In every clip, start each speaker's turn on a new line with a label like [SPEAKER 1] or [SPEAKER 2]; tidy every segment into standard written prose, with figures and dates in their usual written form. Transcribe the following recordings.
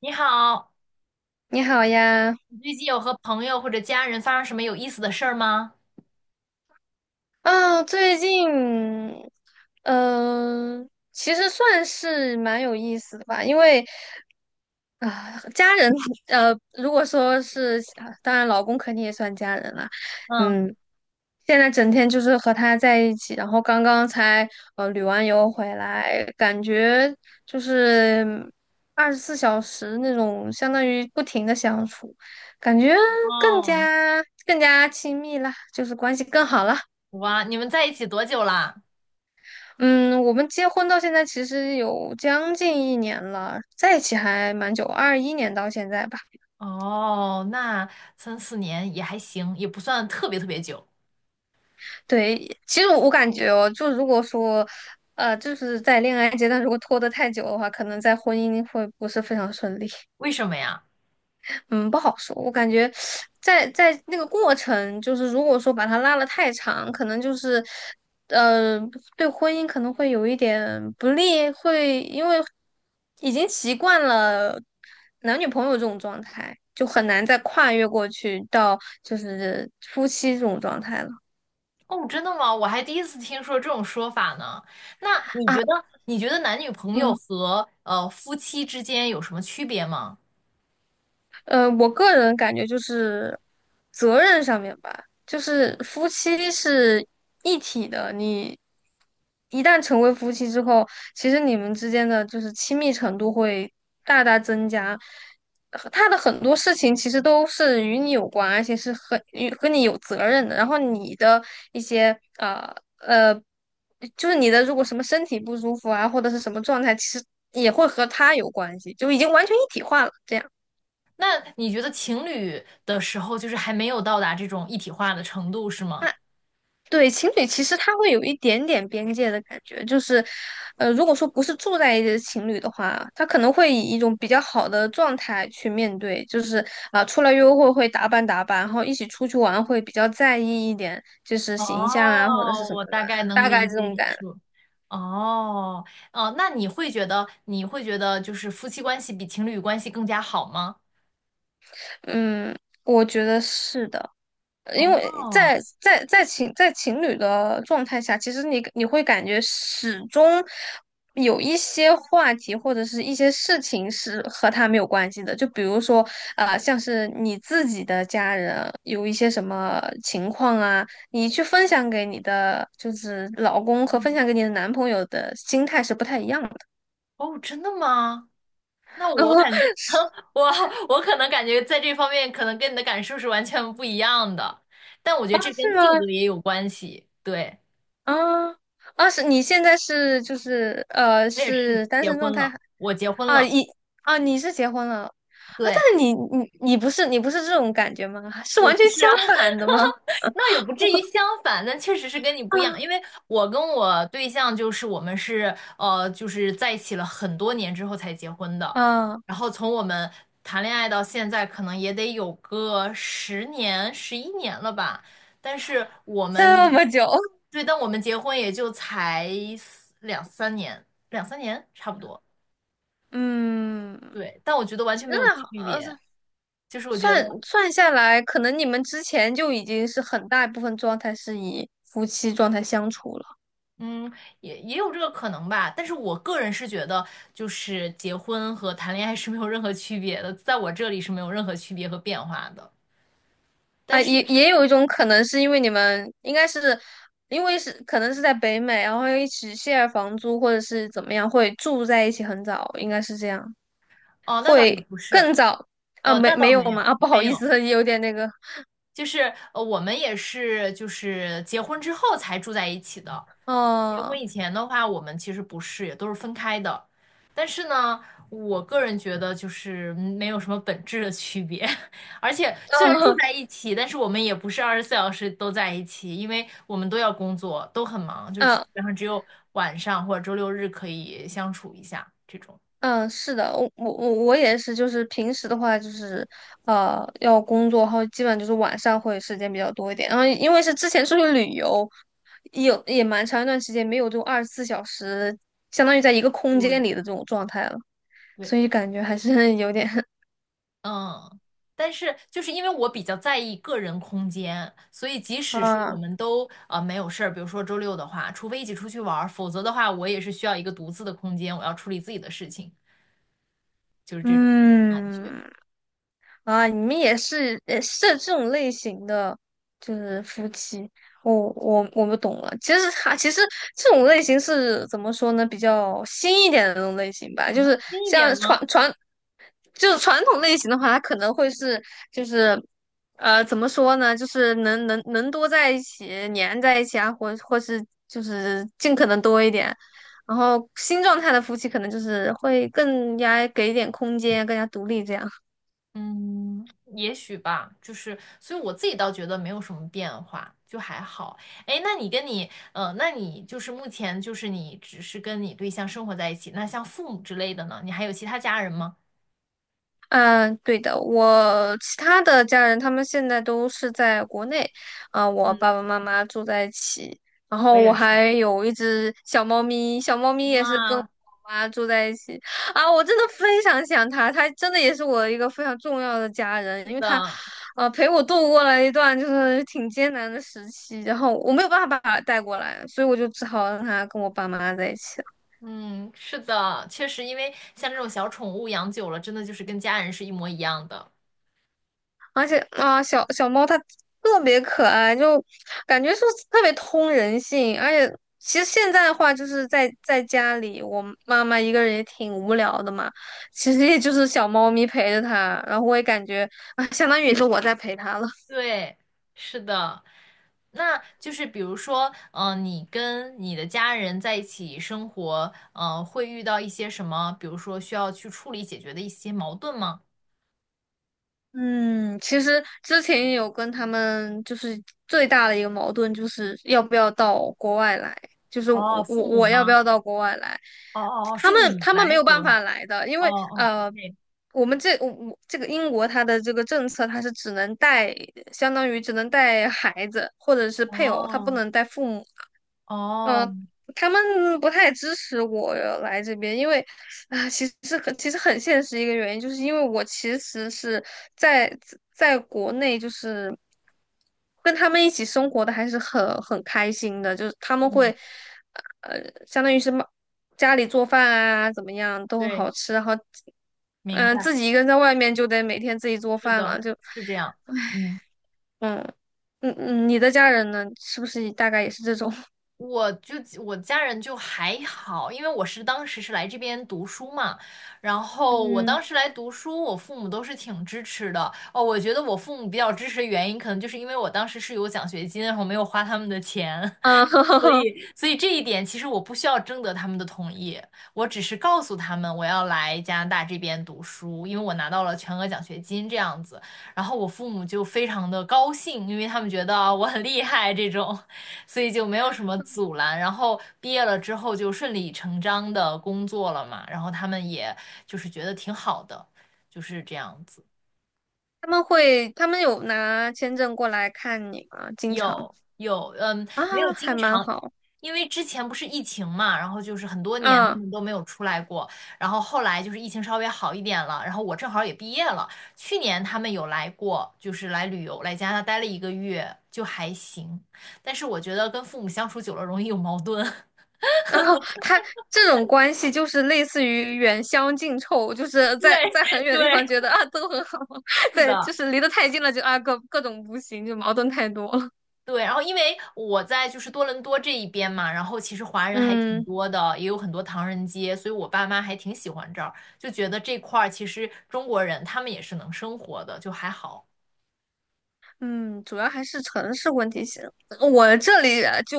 [SPEAKER 1] 你好，
[SPEAKER 2] 你好呀，
[SPEAKER 1] 你最近有和朋友或者家人发生什么有意思的事儿吗？
[SPEAKER 2] 啊，最近，嗯、其实算是蛮有意思的吧，因为啊、家人，如果说是，啊当然老公肯定也算家人啦，
[SPEAKER 1] 嗯，
[SPEAKER 2] 嗯，现在整天就是和他在一起，然后刚刚才旅完游回来，感觉就是二十四小时那种相当于不停的相处，感觉更
[SPEAKER 1] 哦，
[SPEAKER 2] 加更加亲密啦，就是关系更好了。
[SPEAKER 1] 哇，你们在一起多久啦？
[SPEAKER 2] 嗯，我们结婚到现在其实有将近一年了，在一起还蛮久，21年到现在吧。
[SPEAKER 1] 哦，那三四年也还行，也不算特别特别久。
[SPEAKER 2] 对，其实我感觉哦，就如果说，就是在恋爱阶段如果拖得太久的话，可能在婚姻会不是非常顺利。
[SPEAKER 1] 为什么呀？
[SPEAKER 2] 嗯，不好说。我感觉在那个过程，就是如果说把它拉得太长，可能就是呃，对婚姻可能会有一点不利，会因为已经习惯了男女朋友这种状态，就很难再跨越过去到就是夫妻这种状态了。
[SPEAKER 1] 哦，真的吗？我还第一次听说这种说法呢。那你
[SPEAKER 2] 啊，
[SPEAKER 1] 觉得，你觉得男女朋友
[SPEAKER 2] 嗯。
[SPEAKER 1] 和夫妻之间有什么区别吗？
[SPEAKER 2] 我个人感觉就是责任上面吧，就是夫妻是一体的。你一旦成为夫妻之后，其实你们之间的就是亲密程度会大大增加。他的很多事情其实都是与你有关，而且是很与和你有责任的。然后你的一些，就是你的如果什么身体不舒服啊，或者是什么状态，其实也会和他有关系，就已经完全一体化了。这样。
[SPEAKER 1] 那你觉得情侣的时候，就是还没有到达这种一体化的程度，是
[SPEAKER 2] 啊
[SPEAKER 1] 吗？
[SPEAKER 2] 对，情侣其实他会有一点点边界的感觉，就是，如果说不是住在一起的情侣的话，他可能会以一种比较好的状态去面对，就是啊、出来约会会打扮打扮，然后一起出去玩会比较在意一点，就是形象啊或者是
[SPEAKER 1] 哦，
[SPEAKER 2] 什么
[SPEAKER 1] 我
[SPEAKER 2] 的嘛，
[SPEAKER 1] 大概能
[SPEAKER 2] 大概
[SPEAKER 1] 理
[SPEAKER 2] 这
[SPEAKER 1] 解
[SPEAKER 2] 种
[SPEAKER 1] 你
[SPEAKER 2] 感，
[SPEAKER 1] 说。哦，哦，那你会觉得就是夫妻关系比情侣关系更加好吗？
[SPEAKER 2] 嗯，我觉得是的。因为
[SPEAKER 1] 哦，
[SPEAKER 2] 在情侣的状态下，其实你会感觉始终有一些话题或者是一些事情是和他没有关系的。就比如说，像是你自己的家人有一些什么情况啊，你去分享给你的就是老公和分享给你的男朋友的心态是不太一样的，
[SPEAKER 1] 哦，真的吗？那我感，我 我可能感觉在这方面可能跟你的感受是完全不一样的，但我觉得这跟
[SPEAKER 2] 是吗？
[SPEAKER 1] 性格也有关系。对，
[SPEAKER 2] 啊啊，是你现在是就是
[SPEAKER 1] 我也是
[SPEAKER 2] 是单
[SPEAKER 1] 结
[SPEAKER 2] 身状
[SPEAKER 1] 婚
[SPEAKER 2] 态
[SPEAKER 1] 了，
[SPEAKER 2] 还
[SPEAKER 1] 我结婚
[SPEAKER 2] 啊
[SPEAKER 1] 了，
[SPEAKER 2] 你啊你是结婚了啊，但
[SPEAKER 1] 对。
[SPEAKER 2] 是你不是这种感觉吗？是
[SPEAKER 1] 我
[SPEAKER 2] 完
[SPEAKER 1] 不
[SPEAKER 2] 全
[SPEAKER 1] 是
[SPEAKER 2] 相
[SPEAKER 1] 啊，
[SPEAKER 2] 反的吗？
[SPEAKER 1] 那也不至于相反，但确实是跟你不一样，因为 我跟我对象就是我们是呃，就是在一起了很多年之后才结婚的，
[SPEAKER 2] 啊啊，
[SPEAKER 1] 然后从我们谈恋爱到现在，可能也得有个10年、11年了吧，但是我
[SPEAKER 2] 这
[SPEAKER 1] 们
[SPEAKER 2] 么久，
[SPEAKER 1] 对，但我们结婚也就才两三年，两三年差不多，
[SPEAKER 2] 嗯，
[SPEAKER 1] 对，但我觉得完全没有
[SPEAKER 2] 那
[SPEAKER 1] 区
[SPEAKER 2] 好，
[SPEAKER 1] 别，就是我觉
[SPEAKER 2] 算
[SPEAKER 1] 得。
[SPEAKER 2] 算下来，可能你们之前就已经是很大一部分状态是以夫妻状态相处了。
[SPEAKER 1] 嗯，也有这个可能吧，但是我个人是觉得，就是结婚和谈恋爱是没有任何区别的，在我这里是没有任何区别和变化的。但
[SPEAKER 2] 啊，
[SPEAKER 1] 是，
[SPEAKER 2] 也有一种可能是因为你们应该是因为是可能是在北美，然后又一起 share 房租或者是怎么样，会住在一起很早，应该是这样，
[SPEAKER 1] 哦，那倒也不是，
[SPEAKER 2] 更早啊，没
[SPEAKER 1] 那
[SPEAKER 2] 没
[SPEAKER 1] 倒
[SPEAKER 2] 有
[SPEAKER 1] 没
[SPEAKER 2] 吗？
[SPEAKER 1] 有，
[SPEAKER 2] 啊，不好
[SPEAKER 1] 没
[SPEAKER 2] 意
[SPEAKER 1] 有，
[SPEAKER 2] 思，有点那个，
[SPEAKER 1] 我们也是就是结婚之后才住在一起的，结
[SPEAKER 2] 哦，
[SPEAKER 1] 婚以前的话，我们其实不是，也都是分开的。但是呢，我个人觉得就是没有什么本质的区别。而且虽然住
[SPEAKER 2] 哦，
[SPEAKER 1] 在一起，但是我们也不是24小时都在一起，因为我们都要工作，都很忙，就是基
[SPEAKER 2] 啊
[SPEAKER 1] 本上只有晚上或者周六日可以相处一下这种。
[SPEAKER 2] 嗯，是的，我也是，就是平时的话，就是要工作，然后基本就是晚上会时间比较多一点。然后因为是之前出去旅游，有也蛮长一段时间没有这种二十四小时，相当于在一个空
[SPEAKER 1] 对，
[SPEAKER 2] 间里的这种状态了，
[SPEAKER 1] 对，
[SPEAKER 2] 所以感觉还是有点
[SPEAKER 1] 嗯，但是就是因为我比较在意个人空间，所以即使是我
[SPEAKER 2] 啊，
[SPEAKER 1] 们都没有事儿，比如说周六的话，除非一起出去玩儿，否则的话，我也是需要一个独自的空间，我要处理自己的事情，就是这种感觉。
[SPEAKER 2] 嗯。啊，你们也是这种类型的，就是夫妻。我不懂了。其实这种类型是怎么说呢？比较新一点的那种类型吧，就是
[SPEAKER 1] 近一
[SPEAKER 2] 像
[SPEAKER 1] 点吗？
[SPEAKER 2] 就是传统类型的话，他可能会是就是怎么说呢？就是能多在一起，粘在一起啊，或是就是尽可能多一点。然后新状态的夫妻可能就是会更加给一点空间，更加独立这样。
[SPEAKER 1] 嗯，也许吧，就是，所以我自己倒觉得没有什么变化，就还好。哎，那你就是目前就是你只是跟你对象生活在一起，那像父母之类的呢？你还有其他家人吗？
[SPEAKER 2] 嗯，对的，我其他的家人他们现在都是在国内，啊、我
[SPEAKER 1] 嗯，
[SPEAKER 2] 爸爸妈妈住在一起，然
[SPEAKER 1] 我
[SPEAKER 2] 后我
[SPEAKER 1] 也是。
[SPEAKER 2] 还有一只小猫咪，小猫咪也是跟我
[SPEAKER 1] 哇，
[SPEAKER 2] 妈住在一起，啊，我真的非常想它，它真的也是我一个非常重要的家人，因为它，
[SPEAKER 1] 的，
[SPEAKER 2] 陪我度过了一段就是挺艰难的时期，然后我没有办法把它带过来，所以我就只好让它跟我爸妈在一起。
[SPEAKER 1] 嗯，是的，确实，因为像这种小宠物养久了，真的就是跟家人是一模一样的。
[SPEAKER 2] 而且啊，小猫它特别可爱，就感觉是特别通人性。而且其实现在的话，就是在家里，我妈妈一个人也挺无聊的嘛，其实也就是小猫咪陪着她，然后我也感觉啊，相当于也是我在陪她了。
[SPEAKER 1] 对，是的。那就是比如说，你跟你的家人在一起生活，会遇到一些什么，比如说需要去处理解决的一些矛盾吗？
[SPEAKER 2] 嗯，其实之前也有跟他们就是最大的一个矛盾，就是要不要到国外来，就是
[SPEAKER 1] 哦，
[SPEAKER 2] 我我
[SPEAKER 1] 父母
[SPEAKER 2] 我要不
[SPEAKER 1] 吗？
[SPEAKER 2] 要到国外来，
[SPEAKER 1] 哦哦哦，
[SPEAKER 2] 他
[SPEAKER 1] 是
[SPEAKER 2] 们
[SPEAKER 1] 你
[SPEAKER 2] 他们没
[SPEAKER 1] 来
[SPEAKER 2] 有办
[SPEAKER 1] 国外？
[SPEAKER 2] 法来的，因
[SPEAKER 1] 哦
[SPEAKER 2] 为
[SPEAKER 1] 哦，OK，
[SPEAKER 2] 我们这我这个英国它的这个政策，它是只能带，相当于只能带孩子或者是配偶，他不
[SPEAKER 1] 哦
[SPEAKER 2] 能带父母。嗯、
[SPEAKER 1] 哦，
[SPEAKER 2] 他们不太支持我来这边，因为啊，其实很现实一个原因，就是因为我其实是在国内，就是跟他们一起生活的还是很开心的，就是他们
[SPEAKER 1] 嗯，
[SPEAKER 2] 会呃，相当于是妈家里做饭啊，怎么样都很
[SPEAKER 1] 对，
[SPEAKER 2] 好吃，然后
[SPEAKER 1] 明
[SPEAKER 2] 嗯、
[SPEAKER 1] 白，
[SPEAKER 2] 自己一个人在外面就得每天自己做
[SPEAKER 1] 是
[SPEAKER 2] 饭
[SPEAKER 1] 的，
[SPEAKER 2] 了，就
[SPEAKER 1] 是这样，嗯。
[SPEAKER 2] 嗯你的家人呢，是不是大概也是这种？
[SPEAKER 1] 我就我家人就还好，因为我是当时是来这边读书嘛，然后我
[SPEAKER 2] 嗯。
[SPEAKER 1] 当时来读书，我父母都是挺支持的。哦，我觉得我父母比较支持的原因，可能就是因为我当时是有奖学金，然后没有花他们的钱。
[SPEAKER 2] 啊，
[SPEAKER 1] 所 以，所以这一点其实我不需要征得他们的同意，我只是告诉他们我要来加拿大这边读书，因为我拿到了全额奖学金这样子。然后我父母就非常的高兴，因为他们觉得啊我很厉害这种，所以就没有什么阻拦。然后毕业了之后就顺理成章的工作了嘛，然后他们也就是觉得挺好的，就是这样子。
[SPEAKER 2] 他们有拿签证过来看你吗？经常
[SPEAKER 1] 有有，嗯，没有
[SPEAKER 2] 啊，还
[SPEAKER 1] 经
[SPEAKER 2] 蛮
[SPEAKER 1] 常，
[SPEAKER 2] 好
[SPEAKER 1] 因为之前不是疫情嘛，然后就是很多年他
[SPEAKER 2] 啊。
[SPEAKER 1] 们都没有出来过，然后后来就是疫情稍微好一点了，然后我正好也毕业了，去年他们有来过，就是来旅游，来加拿大待了1个月，就还行，但是我觉得跟父母相处久了容易有矛盾。
[SPEAKER 2] 然后他这种关系就是类似于远香近臭，就是 在
[SPEAKER 1] 对
[SPEAKER 2] 在很远
[SPEAKER 1] 对，
[SPEAKER 2] 的地方觉得啊都很好，
[SPEAKER 1] 是
[SPEAKER 2] 对，就
[SPEAKER 1] 的。
[SPEAKER 2] 是离得太近了就啊各种不行，就矛盾太多了。
[SPEAKER 1] 对，然后因为我在就是多伦多这一边嘛，然后其实华人还挺
[SPEAKER 2] 嗯。
[SPEAKER 1] 多的，也有很多唐人街，所以我爸妈还挺喜欢这儿，就觉得这块儿其实中国人他们也是能生活的，就还好。
[SPEAKER 2] 嗯，主要还是城市问题性。我这里啊就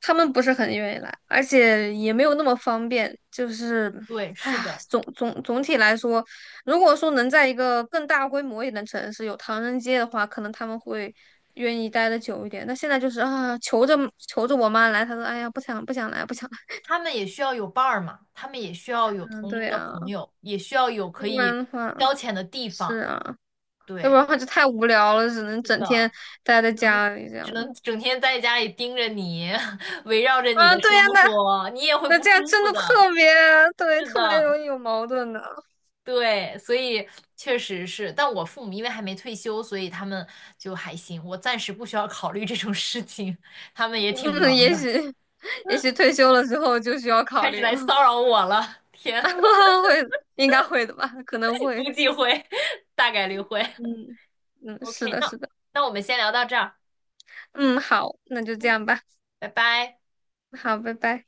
[SPEAKER 2] 他们不是很愿意来，而且也没有那么方便。就是，
[SPEAKER 1] 对，
[SPEAKER 2] 哎
[SPEAKER 1] 是
[SPEAKER 2] 呀，
[SPEAKER 1] 的，
[SPEAKER 2] 总体来说，如果说能在一个更大规模一点的城市有唐人街的话，可能他们会愿意待得久一点。那现在就是啊，求着求着我妈来，她说哎呀，不想不想来，不想来。
[SPEAKER 1] 他们也需要有伴儿嘛，他们也需要有
[SPEAKER 2] 嗯，
[SPEAKER 1] 同
[SPEAKER 2] 对
[SPEAKER 1] 龄的
[SPEAKER 2] 呀，
[SPEAKER 1] 朋友，也需要有可
[SPEAKER 2] 要不然
[SPEAKER 1] 以
[SPEAKER 2] 的话
[SPEAKER 1] 消遣的地
[SPEAKER 2] 是
[SPEAKER 1] 方。
[SPEAKER 2] 啊，要不
[SPEAKER 1] 对，
[SPEAKER 2] 然的话就太无聊了，只能
[SPEAKER 1] 是
[SPEAKER 2] 整
[SPEAKER 1] 的，
[SPEAKER 2] 天待在家里这样。
[SPEAKER 1] 只能整天在家里盯着你，围绕着你
[SPEAKER 2] 啊，
[SPEAKER 1] 的生
[SPEAKER 2] 对呀、
[SPEAKER 1] 活，你也会
[SPEAKER 2] 那
[SPEAKER 1] 不
[SPEAKER 2] 这样
[SPEAKER 1] 舒
[SPEAKER 2] 真
[SPEAKER 1] 服
[SPEAKER 2] 的
[SPEAKER 1] 的。
[SPEAKER 2] 特别对，
[SPEAKER 1] 是
[SPEAKER 2] 特别
[SPEAKER 1] 的。
[SPEAKER 2] 容易有矛盾的。
[SPEAKER 1] 对，所以确实是，但我父母因为还没退休，所以他们就还行，我暂时不需要考虑这种事情，他们也挺
[SPEAKER 2] 嗯，
[SPEAKER 1] 忙
[SPEAKER 2] 也
[SPEAKER 1] 的，
[SPEAKER 2] 许也许退休了之后就需要考
[SPEAKER 1] 开始
[SPEAKER 2] 虑
[SPEAKER 1] 来
[SPEAKER 2] 了，
[SPEAKER 1] 骚扰我了，天，
[SPEAKER 2] 应该会的吧，可能 会。
[SPEAKER 1] 估计会，大概率会。
[SPEAKER 2] 嗯嗯，是
[SPEAKER 1] OK，
[SPEAKER 2] 的，
[SPEAKER 1] 那
[SPEAKER 2] 是的。
[SPEAKER 1] 那我们先聊到这儿，
[SPEAKER 2] 嗯，好，那就这样吧。
[SPEAKER 1] 拜拜。
[SPEAKER 2] 好，拜拜。